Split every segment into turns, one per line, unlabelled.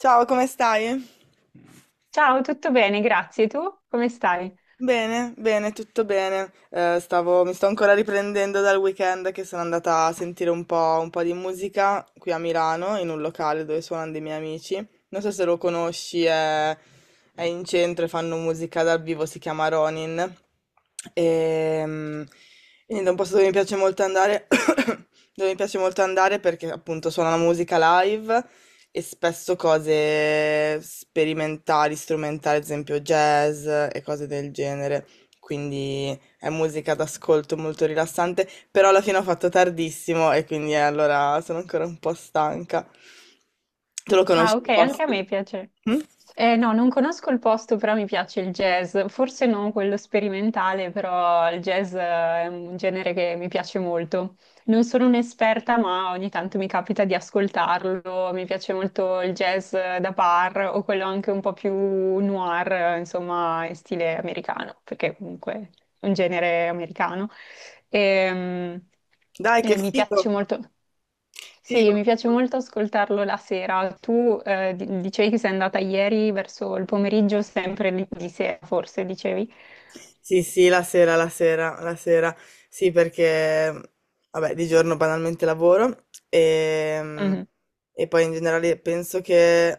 Ciao, come stai?
Ciao, tutto bene, grazie. Tu come stai?
Bene, bene, tutto bene. Mi sto ancora riprendendo dal weekend che sono andata a sentire un po' di musica qui a Milano, in un locale dove suonano dei miei amici. Non so se lo conosci, è in centro e fanno musica dal vivo, si chiama Ronin. E, quindi da un posto dove mi piace molto andare, dove mi piace molto andare perché appunto suona la musica live e spesso cose sperimentali, strumentali, ad esempio jazz e cose del genere. Quindi è musica d'ascolto molto rilassante, però alla fine ho fatto tardissimo e quindi, allora sono ancora un po' stanca. Tu lo
Ah,
conosci
ok,
il
anche a
posto?
me piace.
Mm?
No, non conosco il posto, però mi piace il jazz. Forse non quello sperimentale, però il jazz è un genere che mi piace molto. Non sono un'esperta, ma ogni tanto mi capita di ascoltarlo. Mi piace molto il jazz da bar o quello anche un po' più noir, insomma, in stile americano, perché comunque è un genere americano. E,
Dai, che
e mi piace
figo!
molto. Sì,
Figo.
mi piace molto ascoltarlo la sera. Tu dicevi che sei andata ieri verso il pomeriggio, sempre di sera, forse dicevi.
Sì, sì, la sera, la sera, la sera. Sì, vabbè, di giorno banalmente lavoro e,
Mhm.
e poi in generale penso che...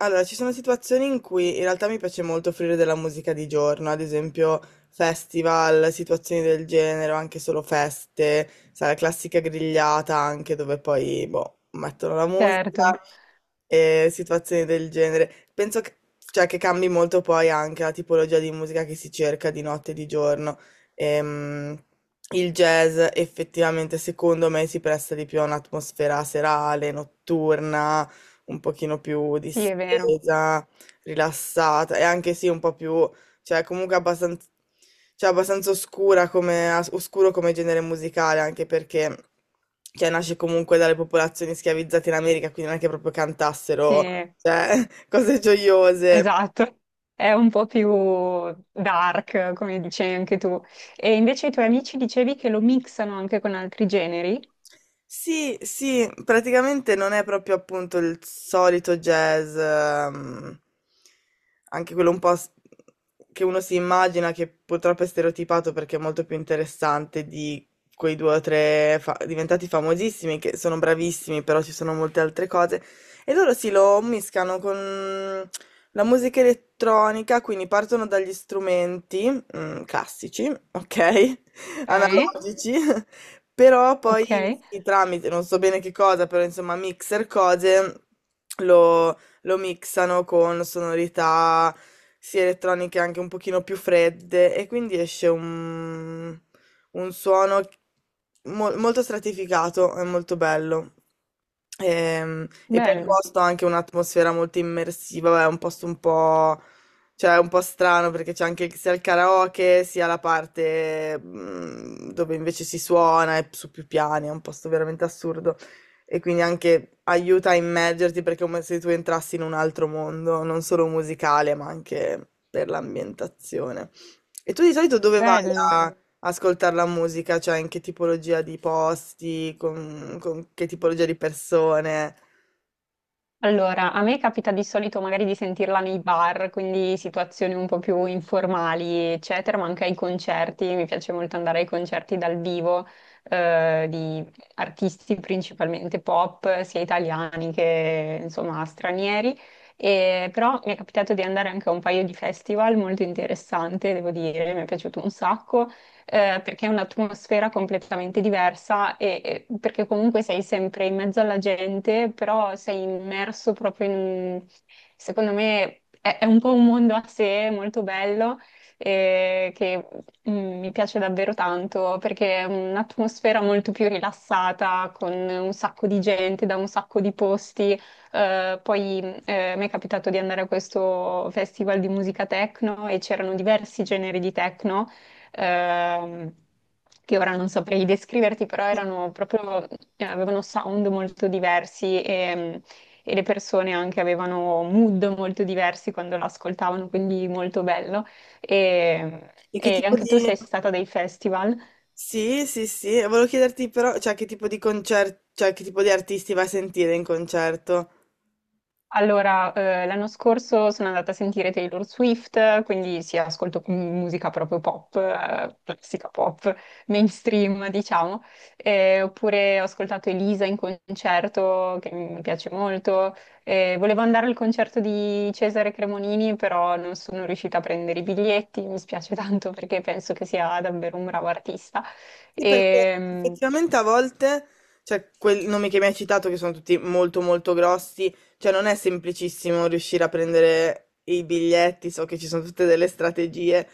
Allora, ci sono situazioni in cui in realtà mi piace molto offrire della musica di giorno, ad esempio festival, situazioni del genere, o anche solo feste, sai, la classica grigliata anche dove poi, boh, mettono la
Certo,
e situazioni del genere. Penso che, cioè, che cambi molto poi anche la tipologia di musica che si cerca di notte e di giorno. Ehm, il jazz effettivamente secondo me si presta di più a un'atmosfera serale, notturna, un pochino più
sì, è vero.
distesa, rilassata e anche sì un po' più cioè comunque abbastanza, cioè, abbastanza oscura come, oscuro come genere musicale, anche perché cioè, nasce comunque dalle popolazioni schiavizzate in America, quindi non è che proprio
Sì,
cantassero cioè, cose gioiose.
esatto. È un po' più dark, come dicevi anche tu. E invece i tuoi amici dicevi che lo mixano anche con altri generi.
Sì, sì, praticamente non è proprio appunto il solito jazz, anche quello un po' che uno si immagina che purtroppo è stereotipato perché è molto più interessante di quei due o tre diventati famosissimi che sono bravissimi, però ci sono molte altre cose. E loro si lo mischiano con la musica elettronica, quindi partono dagli strumenti, mm, classici, ok?
Ok,
Analogici. Però poi
ok.
sì, tramite, non so bene che cosa, però insomma mixer cose lo mixano con sonorità sia elettroniche anche un pochino più fredde e quindi esce un suono molto stratificato e molto bello. Poi il
Bello,
posto ha anche un'atmosfera molto immersiva, vabbè, è un posto un po'. Cioè, è un po' strano perché c'è anche sia il karaoke sia la parte mm, dove invece si suona e su più piani, è un posto veramente assurdo. E quindi anche aiuta a immergerti perché è come se tu entrassi in un altro mondo, non solo musicale, ma anche per l'ambientazione. E tu di solito dove vai
bello.
a ascoltare la musica? Cioè, in che tipologia di posti, con che tipologia di persone?
Allora, a me capita di solito magari di sentirla nei bar, quindi situazioni un po' più informali, eccetera, ma anche ai concerti. Mi piace molto andare ai concerti dal vivo, di artisti principalmente pop, sia italiani che insomma stranieri. E, però mi è capitato di andare anche a un paio di festival molto interessante, devo dire, mi è piaciuto un sacco perché è un'atmosfera completamente diversa e perché comunque sei sempre in mezzo alla gente, però sei immerso proprio in, secondo me, è un po' un mondo a sé molto bello che mm, mi piace davvero tanto perché è un'atmosfera molto più rilassata, con un sacco di gente da un sacco di posti. Poi mi è capitato di andare a questo festival di musica techno e c'erano diversi generi di techno ehm, che ora non saprei descriverti, però erano proprio, avevano sound molto diversi e le persone anche avevano mood molto diversi quando l'ascoltavano, quindi molto bello.
E che
E
tipo
anche tu
di...
sei stata a dei festival?
Sì, e volevo chiederti però, cioè, che tipo di concerto, cioè, che tipo di artisti vai a sentire in concerto?
Allora, l'anno scorso sono andata a sentire Taylor Swift, quindi sì, ascolto musica proprio pop, classica pop, mainstream, diciamo. Oppure ho ascoltato Elisa in concerto, che mi piace molto. Volevo andare al concerto di Cesare Cremonini, però non sono riuscita a prendere i biglietti, mi spiace tanto perché penso che sia davvero un bravo artista.
Sì, perché
Ehm,
effettivamente a volte, cioè, quei nomi che mi hai citato, che sono tutti molto grossi, cioè, non è semplicissimo riuscire a prendere i biglietti, so che ci sono tutte delle strategie.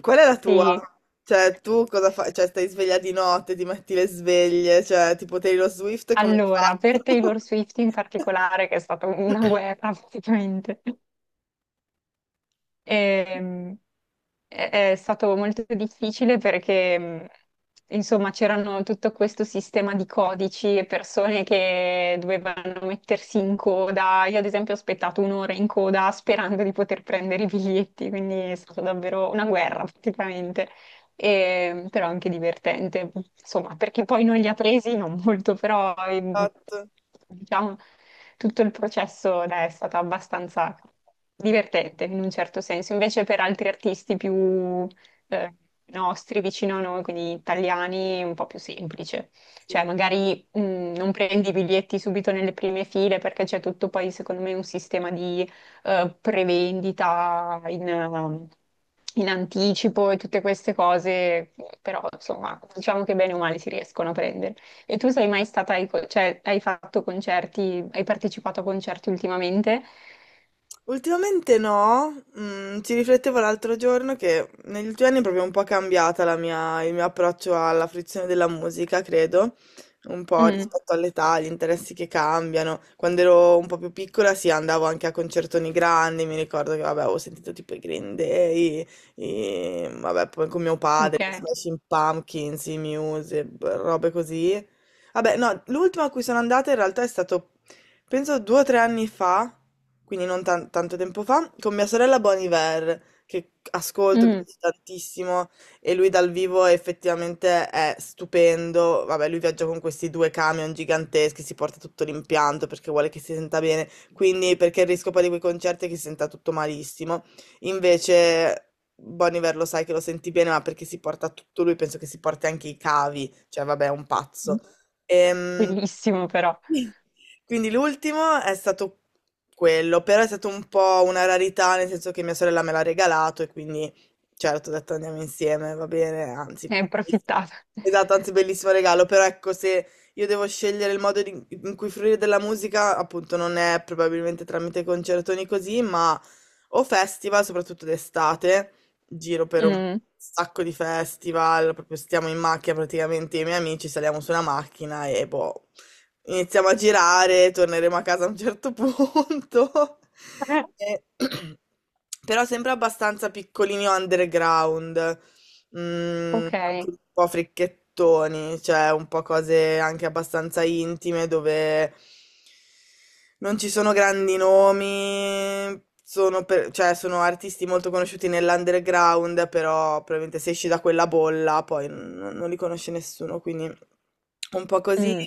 Qual è la tua?
sì.
Cioè, tu cosa fai? Cioè, stai sveglia di notte, ti metti le sveglie, cioè, tipo Taylor Swift, come hai
Allora, per
fatto?
Taylor Swift in particolare, che è stata una guerra praticamente, ehm, è stato molto difficile perché, insomma, c'erano tutto questo sistema di codici e persone che dovevano mettersi in coda. Io, ad esempio, ho aspettato un'ora in coda sperando di poter prendere i biglietti, quindi è stata davvero una guerra praticamente però anche divertente, insomma, perché poi non li ha presi, non molto, però
Esatto,
diciamo tutto il processo dai, è stato abbastanza divertente in un certo senso, invece per altri artisti più eh, nostri, vicino a noi, quindi italiani, è un po' più semplice.
sì.
Cioè, magari non prendi i biglietti subito nelle prime file perché c'è tutto poi, secondo me, un sistema di prevendita in, in anticipo e tutte queste cose, però insomma, diciamo che bene o male si riescono a prendere. E tu sei mai stata, cioè hai fatto concerti, hai partecipato a concerti ultimamente?
Ultimamente no, mm, ci riflettevo l'altro giorno che negli ultimi anni è proprio un po' cambiata il mio approccio alla fruizione della musica, credo, un po'
Mm,
rispetto all'età, agli interessi che cambiano. Quando ero un po' più piccola, sì, andavo anche a concertoni grandi, mi ricordo che, vabbè, avevo sentito tipo i Green Day, vabbè, poi con mio padre,
ok.
i Smashing Pumpkins, i Muse, robe così. Vabbè, no, l'ultima a cui sono andata in realtà è stato penso due o tre anni fa, quindi non tanto tempo fa, con mia sorella Bon Iver, che ascolto, mi
Mm,
piace tantissimo, e lui dal vivo effettivamente è stupendo. Vabbè, lui viaggia con questi due camion giganteschi, si porta tutto l'impianto perché vuole che si senta bene, quindi perché il rischio poi di quei concerti è che si senta tutto malissimo. Invece... Bon Iver lo sai che lo senti bene, ma perché si porta tutto lui, penso che si porti anche i cavi, cioè vabbè, è un pazzo. Ehm,
bellissimo però,
Quindi l'ultimo è stato quello, però è stato un po' una rarità, nel senso che mia sorella me l'ha regalato e quindi certo ho detto andiamo insieme, va bene, anzi,
ne hai approfittata.
esatto, anzi bellissimo regalo, però ecco se io devo scegliere in cui fruire della musica, appunto non è probabilmente tramite concertoni così, ma o festival, soprattutto d'estate, giro per un
Mm.
sacco di festival, proprio stiamo in macchina praticamente, io e i miei amici saliamo su una macchina e boh. Iniziamo a girare, torneremo a casa a un certo punto.
Eh.
E- Però sempre abbastanza piccolini underground mhmm,
Ok.
anche un po' fricchettoni, cioè un po' cose anche abbastanza intime dove non ci sono grandi nomi, sono per cioè sono artisti molto conosciuti nell'underground, però probabilmente se esci da quella bolla poi non li conosce nessuno, quindi un po' così.
Mm,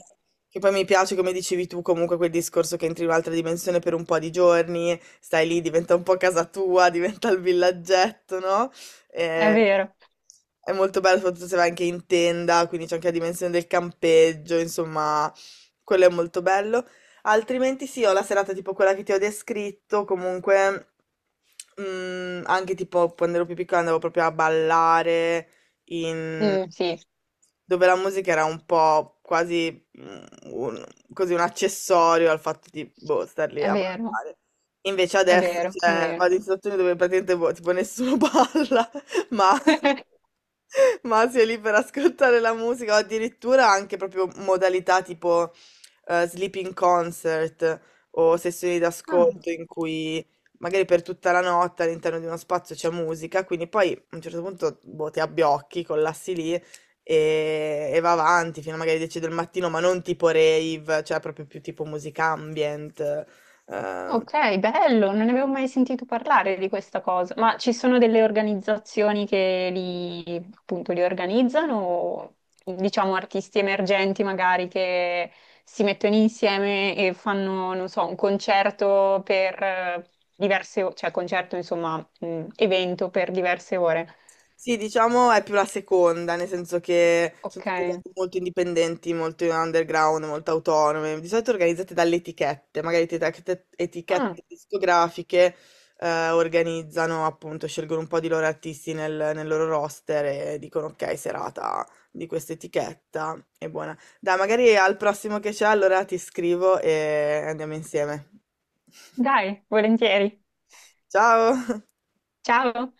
Che poi mi piace, come dicevi tu, comunque quel discorso che entri in un'altra dimensione per un po' di giorni, stai lì, diventa un po' casa tua, diventa il villaggetto, no?
è
Eh,
vero.
è molto bello, soprattutto se vai anche in tenda, quindi c'è anche la dimensione del campeggio, insomma, quello è molto bello. Altrimenti sì, ho la serata tipo quella che ti ho descritto, comunque mm, anche tipo quando ero più piccola andavo proprio a ballare in...
Mm, sì,
dove la musica era un po' quasi mm, un, così un accessorio al fatto di boh, star lì
è
a
vero,
ballare. Invece
è
adesso
vero, è
cioè,
vero.
vado in situazioni dove praticamente boh, tipo nessuno balla ma, ma si è lì per ascoltare la musica, o addirittura anche proprio modalità tipo sleeping concert o sessioni
Ah.
d'ascolto in cui magari per tutta la notte all'interno di uno spazio c'è musica, quindi poi a un certo punto boh, ti abbiocchi, collassi lì e va avanti fino a magari 10 del mattino, ma non tipo rave, cioè proprio più tipo musica ambient. ehm,
Ok, bello, non ne avevo mai sentito parlare di questa cosa, ma ci sono delle organizzazioni che li, appunto, li organizzano, diciamo artisti emergenti magari che si mettono insieme e fanno, non so, un concerto per diverse ore, cioè concerto, insomma, evento per diverse ore.
Sì, diciamo è più la seconda, nel senso che sono
Ok,
tutte cose molto indipendenti, molto underground, molto autonome, di solito organizzate dalle etichette, magari
ah,
etichette discografiche organizzano, appunto, scelgono un po' di loro artisti nel loro roster e dicono ok, serata di questa etichetta, è buona. Dai, magari al prossimo che c'è, allora ti scrivo e andiamo insieme.
dai, volentieri.
Ciao!
Ciao.